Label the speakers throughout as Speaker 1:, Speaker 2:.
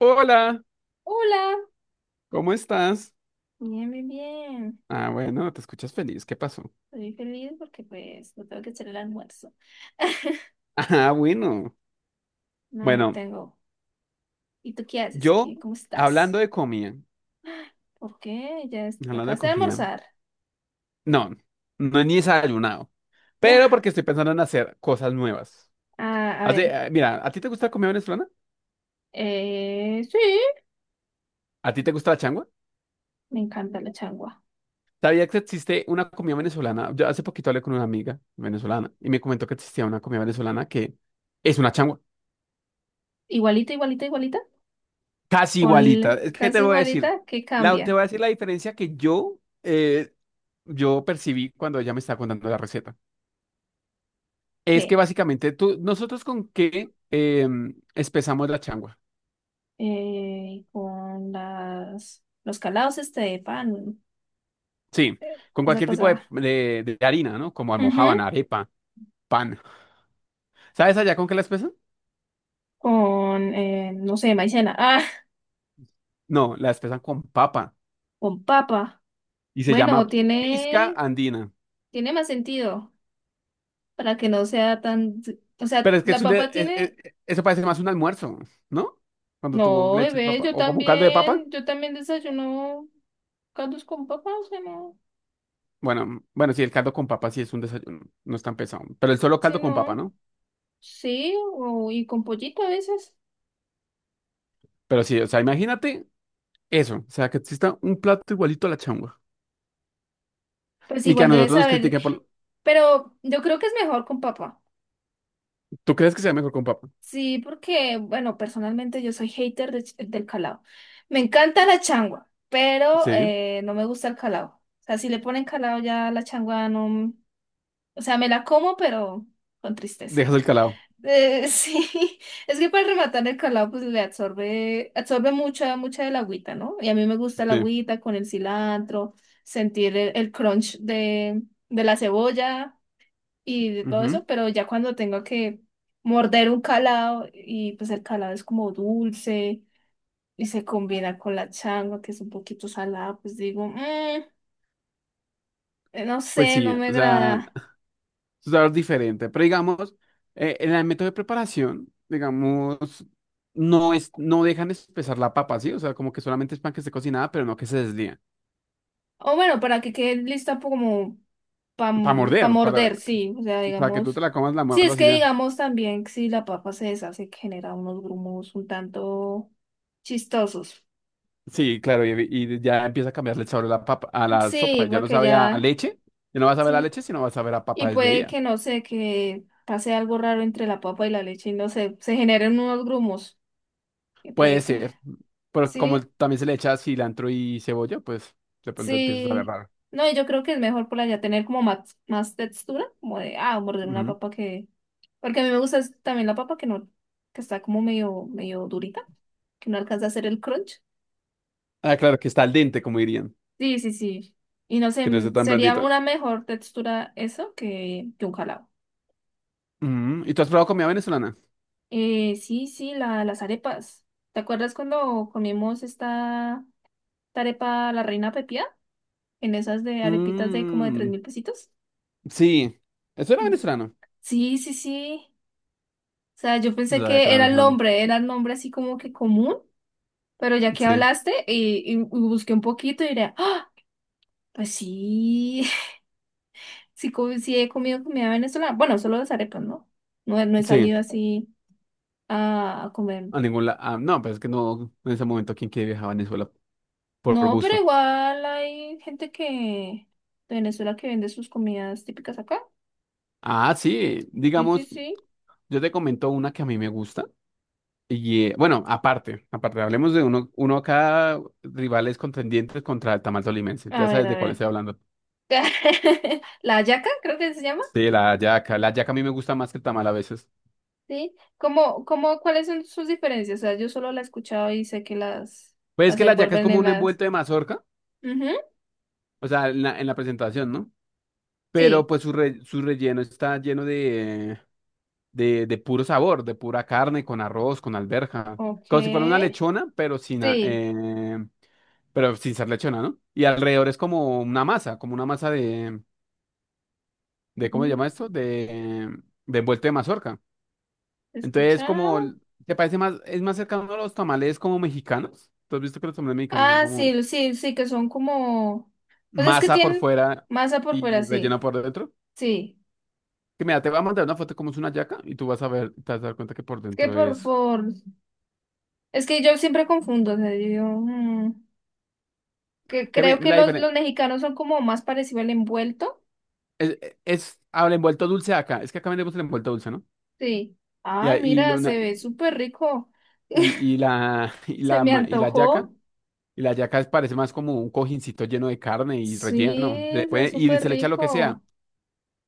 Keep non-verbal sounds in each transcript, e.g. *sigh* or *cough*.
Speaker 1: Hola,
Speaker 2: Hola,
Speaker 1: ¿cómo estás?
Speaker 2: bien, bien, bien.
Speaker 1: Ah, bueno, te escuchas feliz, ¿qué pasó?
Speaker 2: Estoy feliz porque pues no tengo que hacer el almuerzo. *laughs*
Speaker 1: *laughs* Ah, bueno.
Speaker 2: No, no
Speaker 1: Bueno,
Speaker 2: tengo. ¿Y tú qué haces?
Speaker 1: yo
Speaker 2: ¿Qué? ¿Cómo estás?
Speaker 1: hablando de comida,
Speaker 2: ¿Por qué? ¿
Speaker 1: hablando de
Speaker 2: acabaste de
Speaker 1: comida,
Speaker 2: almorzar?
Speaker 1: no, no he ni desayunado, pero
Speaker 2: *laughs*
Speaker 1: porque estoy pensando en hacer cosas nuevas.
Speaker 2: Ah, a
Speaker 1: Hace,
Speaker 2: ver.
Speaker 1: mira, ¿a ti te gusta la comida venezolana?
Speaker 2: Sí,
Speaker 1: ¿A ti te gusta la changua?
Speaker 2: me encanta la changua.
Speaker 1: ¿Sabía que existe una comida venezolana? Yo hace poquito hablé con una amiga venezolana y me comentó que existía una comida venezolana que es una changua,
Speaker 2: Igualita, igualita, igualita.
Speaker 1: casi
Speaker 2: Con
Speaker 1: igualita. Es que te
Speaker 2: casi
Speaker 1: voy a decir,
Speaker 2: igualita, ¿qué
Speaker 1: te
Speaker 2: cambia?
Speaker 1: voy a decir la diferencia que yo... eh, yo percibí cuando ella me estaba contando la receta. Es que
Speaker 2: ¿Qué?
Speaker 1: básicamente tú, nosotros con qué espesamos la changua.
Speaker 2: Con las los calados este de pan,
Speaker 1: Sí, con
Speaker 2: esa
Speaker 1: cualquier tipo
Speaker 2: cosa.
Speaker 1: de harina, ¿no? Como
Speaker 2: Ujú.
Speaker 1: almojábana, arepa, pan. ¿Sabes allá con qué la espesan?
Speaker 2: Con, no sé, maicena. Ah,
Speaker 1: No, la espesan con papa
Speaker 2: con papa.
Speaker 1: y se
Speaker 2: Bueno,
Speaker 1: llama pizca
Speaker 2: tiene,
Speaker 1: andina.
Speaker 2: tiene más sentido para que no sea tan, o sea,
Speaker 1: Pero es que es
Speaker 2: la
Speaker 1: un de-
Speaker 2: papa
Speaker 1: es-
Speaker 2: tiene,
Speaker 1: eso parece más un almuerzo, ¿no? Cuando tú
Speaker 2: no,
Speaker 1: le echas
Speaker 2: bebé,
Speaker 1: papa o como un caldo de papa.
Speaker 2: yo también desayuno caldos con papa, o sea, no,
Speaker 1: Bueno, bueno, sí, el caldo con papa sí es un desayuno, no es tan pesado, pero el solo
Speaker 2: sí,
Speaker 1: caldo con papa,
Speaker 2: no,
Speaker 1: ¿no?
Speaker 2: sí, o, y con pollito a veces,
Speaker 1: Pero sí, o sea, imagínate eso, o sea, que exista un plato igualito a la changua.
Speaker 2: pues
Speaker 1: Y que a
Speaker 2: igual debes
Speaker 1: nosotros nos
Speaker 2: saber,
Speaker 1: critiquen por...
Speaker 2: pero yo creo que es mejor con papa,
Speaker 1: ¿Tú crees que sea mejor con papa?
Speaker 2: sí, porque, bueno, personalmente yo soy hater de del calado, me encanta la changua, pero
Speaker 1: Sí.
Speaker 2: no me gusta el calado, o sea, si le ponen calado ya la changua no. O sea, me la como, pero con tristeza.
Speaker 1: Dejas el calado.
Speaker 2: *laughs* Sí, es que para rematar el calado, pues le absorbe, absorbe mucha, mucha del agüita, ¿no? Y a mí me gusta la
Speaker 1: Sí.
Speaker 2: agüita con el cilantro, sentir el crunch de la cebolla y de todo eso,
Speaker 1: Ujú.
Speaker 2: pero ya cuando tengo que morder un calado y pues el calado es como dulce y se combina con la changua que es un poquito salada, pues digo, "Mm, no
Speaker 1: Pues
Speaker 2: sé,
Speaker 1: sí,
Speaker 2: no me
Speaker 1: o sea,
Speaker 2: agrada".
Speaker 1: es algo diferente. Pero digamos, en el método de preparación, digamos, no es, no dejan espesar la papa, ¿sí? O sea, como que solamente es pan que esté cocinada, pero no que se deslíe.
Speaker 2: O bueno, para que quede lista como para
Speaker 1: Para morder,
Speaker 2: morder, sí. O sea,
Speaker 1: para que tú te
Speaker 2: digamos.
Speaker 1: la comas, la
Speaker 2: Sí, es
Speaker 1: muerdas y
Speaker 2: que
Speaker 1: ya.
Speaker 2: digamos también que si la papa se deshace, que genera unos grumos un tanto chistosos.
Speaker 1: Sí, claro, y ya empieza a cambiarle el sabor a la papa, a la
Speaker 2: Sí,
Speaker 1: sopa. Ya no
Speaker 2: porque
Speaker 1: sabe a
Speaker 2: ya.
Speaker 1: leche, ya no va a saber a
Speaker 2: Sí.
Speaker 1: leche, sino va a saber a
Speaker 2: Y
Speaker 1: papa
Speaker 2: puede
Speaker 1: desleída.
Speaker 2: que no sé, que pase algo raro entre la papa y la leche y no sé, se generen unos grumos. Que
Speaker 1: Puede
Speaker 2: puede que.
Speaker 1: ser, pero como
Speaker 2: Sí.
Speaker 1: también se le echa cilantro y cebolla, pues de pronto empieza a saber
Speaker 2: Sí,
Speaker 1: raro.
Speaker 2: no, y yo creo que es mejor por allá tener como más, más textura, como de, ah, morder una
Speaker 1: Ujú.
Speaker 2: papa que, porque a mí me gusta es también la papa que no, que está como medio, medio durita, que no alcanza a hacer el crunch.
Speaker 1: Ah, claro, que está al dente, como dirían,
Speaker 2: Sí, sí, sí. Y no sé,
Speaker 1: que no esté tan
Speaker 2: sería
Speaker 1: blandita.
Speaker 2: una mejor textura eso que un jalado.
Speaker 1: Ujú. ¿Y tú has probado comida venezolana?
Speaker 2: Sí, sí, la, las arepas. ¿Te acuerdas cuando comimos esta, esta arepa La Reina Pepía? En esas de arepitas de como de tres
Speaker 1: Mm,
Speaker 2: mil pesitos.
Speaker 1: sí, eso era venezolano.
Speaker 2: Sí, sí, sí. O sea, yo
Speaker 1: No
Speaker 2: pensé
Speaker 1: sabía que
Speaker 2: que
Speaker 1: era venezolano.
Speaker 2: era el nombre así como que común, pero ya que
Speaker 1: Sí,
Speaker 2: hablaste y busqué un poquito y diré, ah, pues sí, *laughs* sí, sí he comido comida venezolana. Bueno, solo las arepas, ¿no? No, no he
Speaker 1: sí,
Speaker 2: salido así a comer.
Speaker 1: a ningún lado. No, pues es que no, en ese momento, ¿quién quiere viajar a Venezuela por
Speaker 2: No, pero
Speaker 1: gusto?
Speaker 2: igual hay gente que de Venezuela que vende sus comidas típicas acá.
Speaker 1: Ah, sí,
Speaker 2: Sí, sí,
Speaker 1: digamos,
Speaker 2: sí.
Speaker 1: yo te comento una que a mí me gusta. Y bueno, aparte, aparte, hablemos de uno, cada rivales contendientes contra el tamal tolimense.
Speaker 2: A
Speaker 1: Ya
Speaker 2: ver,
Speaker 1: sabes
Speaker 2: a
Speaker 1: de cuál
Speaker 2: ver.
Speaker 1: estoy hablando.
Speaker 2: *laughs* La hallaca, creo que se llama.
Speaker 1: Sí, la hallaca. La hallaca a mí me gusta más que el tamal a veces.
Speaker 2: ¿Sí? ¿Cómo, cómo, cuáles son sus diferencias? O sea, yo solo la he escuchado y sé que
Speaker 1: Pues es
Speaker 2: las
Speaker 1: que la hallaca es
Speaker 2: envuelven
Speaker 1: como
Speaker 2: en
Speaker 1: un
Speaker 2: las...
Speaker 1: envuelto de mazorca,
Speaker 2: Ujú.
Speaker 1: o sea, en la presentación, ¿no? Pero
Speaker 2: Sí,
Speaker 1: pues su relleno está lleno de puro sabor, de pura carne, con arroz, con alberja.
Speaker 2: ok,
Speaker 1: Como si fuera una lechona,
Speaker 2: sí.
Speaker 1: pero sin ser lechona, ¿no? Y alrededor es como una masa de ¿cómo se
Speaker 2: Ujú.
Speaker 1: llama esto? De envuelto de mazorca. Entonces, como,
Speaker 2: Escuchado.
Speaker 1: ¿te parece más, es más cercano a los tamales como mexicanos? ¿Tú has visto que los tamales mexicanos son
Speaker 2: Ah,
Speaker 1: como
Speaker 2: sí, sí, sí, que son como... Pues es que
Speaker 1: masa por
Speaker 2: tienen
Speaker 1: fuera
Speaker 2: masa por fuera,
Speaker 1: y relleno
Speaker 2: sí,
Speaker 1: por dentro?
Speaker 2: sí.
Speaker 1: Que mira, te voy a mandar una foto como es una yaca y tú vas a ver, te vas a dar cuenta que por
Speaker 2: Es que
Speaker 1: dentro es...
Speaker 2: por... Es que yo siempre confundo, o sea, yo digo, mm, que
Speaker 1: Que
Speaker 2: creo que
Speaker 1: la diferencia
Speaker 2: los mexicanos son como más parecidos al envuelto.
Speaker 1: es, el envuelto dulce acá, es que acá vendemos el envuelto dulce, ¿no?
Speaker 2: Sí.
Speaker 1: Y,
Speaker 2: Ay,
Speaker 1: ahí- y, lo-
Speaker 2: mira, se
Speaker 1: una-
Speaker 2: ve súper rico. *laughs*
Speaker 1: *laughs*
Speaker 2: Se me
Speaker 1: y la yaca.
Speaker 2: antojó.
Speaker 1: Y la yaca es- parece más como un cojincito lleno de carne y
Speaker 2: Sí,
Speaker 1: relleno.
Speaker 2: es
Speaker 1: Y
Speaker 2: súper
Speaker 1: se le echa lo que sea.
Speaker 2: rico.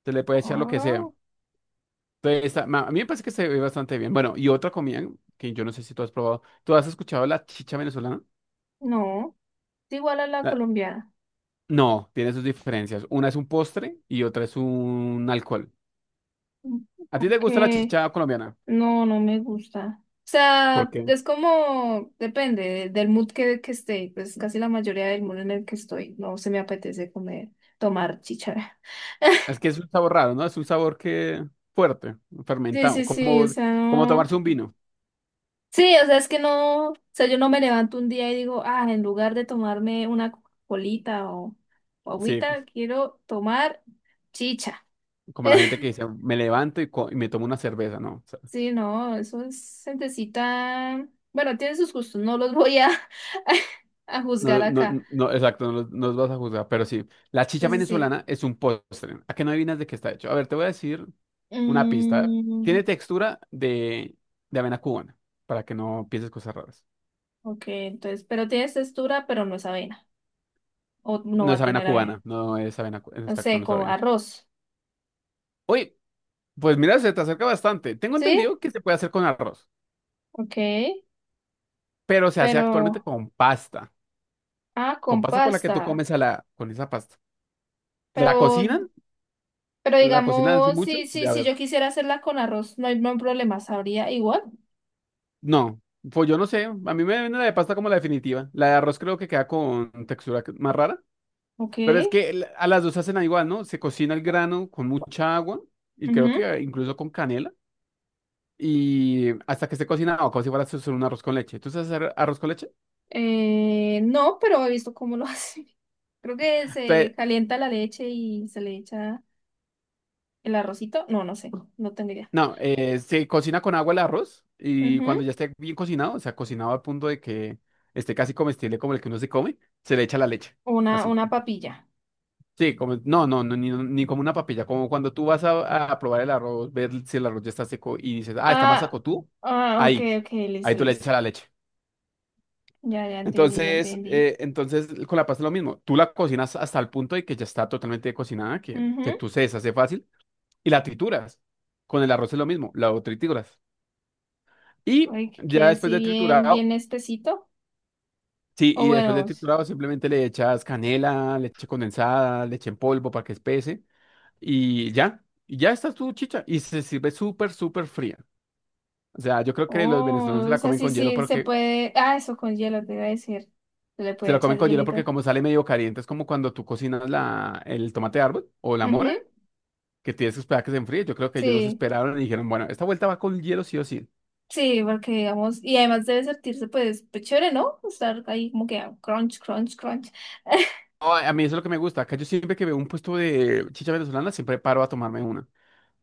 Speaker 1: Se le puede echar lo que sea.
Speaker 2: Ah,
Speaker 1: Entonces, a mí me parece que se ve bastante bien. Bueno, y otra comida que yo no sé si tú has probado. ¿Tú has escuchado la chicha venezolana?
Speaker 2: no, es igual a la
Speaker 1: La-
Speaker 2: colombiana.
Speaker 1: no, tiene sus diferencias. Una es un postre y otra es un alcohol.
Speaker 2: Mm.
Speaker 1: ¿A ti te gusta la
Speaker 2: Que
Speaker 1: chicha colombiana?
Speaker 2: no, no me gusta. O
Speaker 1: ¿Por
Speaker 2: sea,
Speaker 1: qué?
Speaker 2: es como, depende del mood que esté. Pues casi la mayoría del mood en el que estoy. No se me apetece comer, tomar chichara.
Speaker 1: Es
Speaker 2: *laughs*
Speaker 1: que es un sabor raro, ¿no? Es un sabor que fuerte,
Speaker 2: Sí,
Speaker 1: fermentado,
Speaker 2: sí, sí, o
Speaker 1: como,
Speaker 2: sea,
Speaker 1: como
Speaker 2: no.
Speaker 1: tomarse un vino.
Speaker 2: Sí, o sea, es que no. O sea, yo no me levanto un día y digo, ah, en lugar de tomarme una colita o
Speaker 1: Sí,
Speaker 2: agüita, quiero tomar chicha.
Speaker 1: como la gente
Speaker 2: *laughs*
Speaker 1: que dice, me levanto y me tomo una cerveza, ¿no?
Speaker 2: Sí, no, eso es gentecita. Bueno, tiene sus gustos, no los voy a, *laughs* a juzgar
Speaker 1: No, no,
Speaker 2: acá.
Speaker 1: no, no, exacto, no, los no los vas a juzgar, pero sí. La chicha
Speaker 2: Sí, sí, sí.
Speaker 1: venezolana es un postre. ¿A qué no adivinas de qué está hecho? A ver, te voy a decir una pista.
Speaker 2: Mm,
Speaker 1: Tiene textura de avena cubana, para que no pienses cosas raras.
Speaker 2: ok, entonces, pero tiene textura, pero no es avena. O no
Speaker 1: No
Speaker 2: va
Speaker 1: es
Speaker 2: a
Speaker 1: avena
Speaker 2: tener avena.
Speaker 1: cubana, no es avena,
Speaker 2: No
Speaker 1: exacto,
Speaker 2: sé,
Speaker 1: no es
Speaker 2: como
Speaker 1: avena.
Speaker 2: arroz.
Speaker 1: Oye, pues mira, se te acerca bastante. Tengo
Speaker 2: ¿Sí?
Speaker 1: entendido que se puede hacer con arroz,
Speaker 2: Ok,
Speaker 1: pero se hace actualmente
Speaker 2: pero.
Speaker 1: con pasta,
Speaker 2: Ah,
Speaker 1: con
Speaker 2: con
Speaker 1: pasta con la que tú
Speaker 2: pasta.
Speaker 1: comes a la, con esa pasta. ¿La
Speaker 2: Pero,
Speaker 1: cocinan?
Speaker 2: pero
Speaker 1: ¿La cocinan así
Speaker 2: digamos,
Speaker 1: mucho?
Speaker 2: sí, sí,
Speaker 1: De
Speaker 2: si
Speaker 1: haber
Speaker 2: yo quisiera hacerla con arroz, no hay, no hay problema, sabría igual.
Speaker 1: No, pues yo no sé. A mí me viene la de pasta como la definitiva. La de arroz creo que queda con textura más rara.
Speaker 2: Ok.
Speaker 1: Pero es que a las dos hacen igual, ¿no? Se cocina el grano con mucha agua y creo
Speaker 2: Ujú.
Speaker 1: que incluso con canela. Y hasta que esté cocinado, como si fuera solo un arroz con leche. ¿Tú sabes hacer arroz con leche?
Speaker 2: No, pero he visto cómo lo *laughs* hace. Creo que se
Speaker 1: Entonces,
Speaker 2: calienta la leche y se le echa el arrocito. No, no sé, no tengo idea.
Speaker 1: no, se cocina con agua el arroz y
Speaker 2: Ujú.
Speaker 1: cuando ya esté bien cocinado, o sea, cocinado al punto de que esté casi comestible como el que uno se come, se le echa la leche. Así.
Speaker 2: Una papilla.
Speaker 1: Sí, como, no, no, no, ni como una papilla, como cuando tú vas a probar el arroz, ver si el arroz ya está seco y dices, ah, está más
Speaker 2: Ah,
Speaker 1: seco tú,
Speaker 2: ah, ok,
Speaker 1: ahí,
Speaker 2: ok,
Speaker 1: ahí
Speaker 2: listo,
Speaker 1: tú le
Speaker 2: listo.
Speaker 1: echas la leche.
Speaker 2: Ya, ya entendí, ya
Speaker 1: Entonces,
Speaker 2: entendí.
Speaker 1: entonces con la pasta es lo mismo, tú la cocinas hasta el punto de que ya está totalmente cocinada, que
Speaker 2: Ujú.
Speaker 1: tú se deshace fácil y la trituras. Con el arroz es lo mismo, la trituras. Y
Speaker 2: Oye, que quede
Speaker 1: ya después
Speaker 2: así
Speaker 1: de
Speaker 2: bien,
Speaker 1: triturado,
Speaker 2: bien espesito.
Speaker 1: sí,
Speaker 2: O
Speaker 1: y después
Speaker 2: bueno,
Speaker 1: de triturado simplemente le echas canela, leche condensada, leche en polvo para que espese. Y ya está tu chicha. Y se sirve súper, súper fría. O sea, yo creo que los venezolanos se
Speaker 2: oh, o
Speaker 1: la
Speaker 2: sea,
Speaker 1: comen
Speaker 2: sí,
Speaker 1: con hielo
Speaker 2: sí, se
Speaker 1: porque
Speaker 2: puede. Ah, eso con hielo, te iba a decir. Se le puede echar hielito.
Speaker 1: como sale medio caliente, es como cuando tú cocinas el tomate de árbol o la mora,
Speaker 2: Ujú.
Speaker 1: que tienes que esperar que se enfríe. Yo creo que ellos no se
Speaker 2: Sí.
Speaker 1: esperaron y dijeron, bueno, esta vuelta va con hielo sí o sí.
Speaker 2: Sí, porque digamos, y además debe sentirse pues, pues chévere, ¿no? Estar ahí como que ah, crunch, crunch, crunch.
Speaker 1: Ay, a mí eso es lo que me gusta. Acá yo siempre que veo un puesto de chicha venezolana, siempre paro a tomarme una.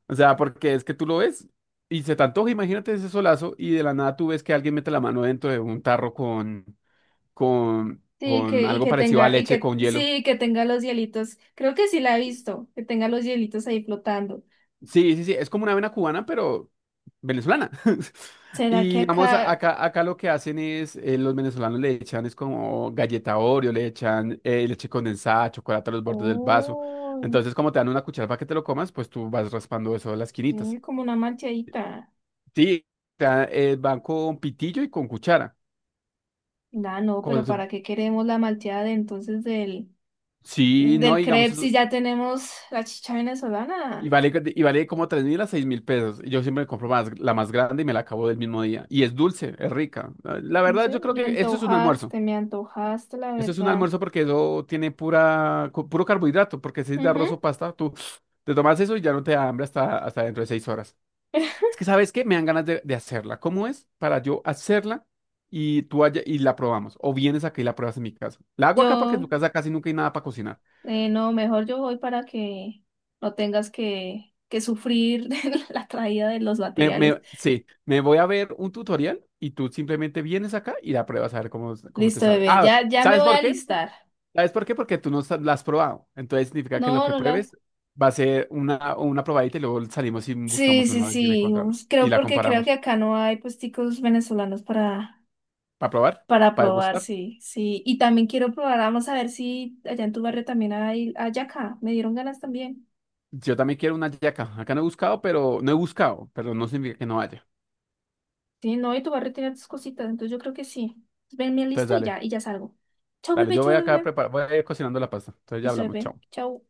Speaker 1: O sea, porque es que tú lo ves y se te antoja, imagínate ese solazo y de la nada tú ves que alguien mete la mano dentro de un tarro con
Speaker 2: Sí,
Speaker 1: con
Speaker 2: que, y
Speaker 1: algo
Speaker 2: que
Speaker 1: parecido a
Speaker 2: tenga, y
Speaker 1: leche
Speaker 2: que,
Speaker 1: con hielo.
Speaker 2: sí, que tenga los hielitos. Creo que sí la he visto, que tenga los hielitos ahí flotando.
Speaker 1: Sí, sí, sí, es como una avena cubana, pero venezolana. *laughs*
Speaker 2: ¿Será que
Speaker 1: Y digamos, a-
Speaker 2: acá?
Speaker 1: acá, acá lo que hacen es, los venezolanos le echan, es como galleta Oreo, le echan leche condensada, chocolate a los bordes del vaso.
Speaker 2: Oh,
Speaker 1: Entonces, como te dan una cuchara para que te lo comas, pues tú vas raspando eso de las quinitas.
Speaker 2: sí, como una malteadita.
Speaker 1: Sí, van con pitillo y con cuchara.
Speaker 2: Ah, no,
Speaker 1: Como
Speaker 2: pero
Speaker 1: si-
Speaker 2: ¿para qué queremos la malteada de entonces del,
Speaker 1: Sí, no,
Speaker 2: del
Speaker 1: digamos,
Speaker 2: crepe si ya tenemos la chicha
Speaker 1: Y
Speaker 2: venezolana?
Speaker 1: vale, y vale como 3.000 a 6.000 pesos. Y yo siempre me compro más, la más grande y me la acabo del mismo día. Y es dulce, es rica. La
Speaker 2: No
Speaker 1: verdad,
Speaker 2: sé,
Speaker 1: yo creo que eso es un almuerzo.
Speaker 2: me antojaste, la
Speaker 1: Eso es un
Speaker 2: verdad.
Speaker 1: almuerzo porque eso tiene pura, puro carbohidrato. Porque si es de arroz
Speaker 2: Ujú.
Speaker 1: o pasta, tú te tomas eso y ya no te da hambre hasta dentro de 6 horas.
Speaker 2: *laughs*
Speaker 1: Es que, ¿sabes qué? Me dan ganas de hacerla. ¿Cómo es para yo hacerla y tú allá y la probamos? O vienes acá y la pruebas en mi casa. La hago acá porque en tu
Speaker 2: Yo.
Speaker 1: casa casi nunca hay nada para cocinar.
Speaker 2: No, mejor yo voy para que no tengas que sufrir *laughs* de la traída de los materiales.
Speaker 1: Sí, me voy a ver un tutorial y tú simplemente vienes acá y la pruebas a ver cómo te
Speaker 2: Listo,
Speaker 1: sabe.
Speaker 2: bebé,
Speaker 1: Ah,
Speaker 2: ya, ya me
Speaker 1: ¿sabes
Speaker 2: voy a
Speaker 1: por qué?
Speaker 2: alistar.
Speaker 1: ¿Sabes por qué? Porque tú no la has probado. Entonces significa que
Speaker 2: No,
Speaker 1: lo que
Speaker 2: no la.
Speaker 1: pruebes va a ser una probadita y luego salimos y
Speaker 2: Sí,
Speaker 1: buscamos
Speaker 2: sí,
Speaker 1: una vez y la
Speaker 2: sí.
Speaker 1: encontramos y
Speaker 2: Creo
Speaker 1: la
Speaker 2: porque creo que
Speaker 1: comparamos.
Speaker 2: acá no hay puesticos venezolanos
Speaker 1: ¿Para probar?
Speaker 2: para
Speaker 1: ¿Para
Speaker 2: probar,
Speaker 1: degustar?
Speaker 2: sí, sí. Y también quiero probar, vamos a ver si allá en tu barrio también hay acá. Me dieron ganas también.
Speaker 1: Yo también quiero una yaca. Acá no he buscado, pero no he buscado, pero no significa que no haya.
Speaker 2: Sí, no, y tu barrio tiene tus cositas, entonces yo creo que sí. Ven, me
Speaker 1: Entonces
Speaker 2: listo
Speaker 1: dale,
Speaker 2: y ya salgo. Chao,
Speaker 1: dale,
Speaker 2: bebé,
Speaker 1: yo voy
Speaker 2: chao,
Speaker 1: acá a
Speaker 2: bebé.
Speaker 1: preparar, voy a ir cocinando la pasta. Entonces ya
Speaker 2: Listo,
Speaker 1: hablamos,
Speaker 2: bebé.
Speaker 1: chao.
Speaker 2: Chao.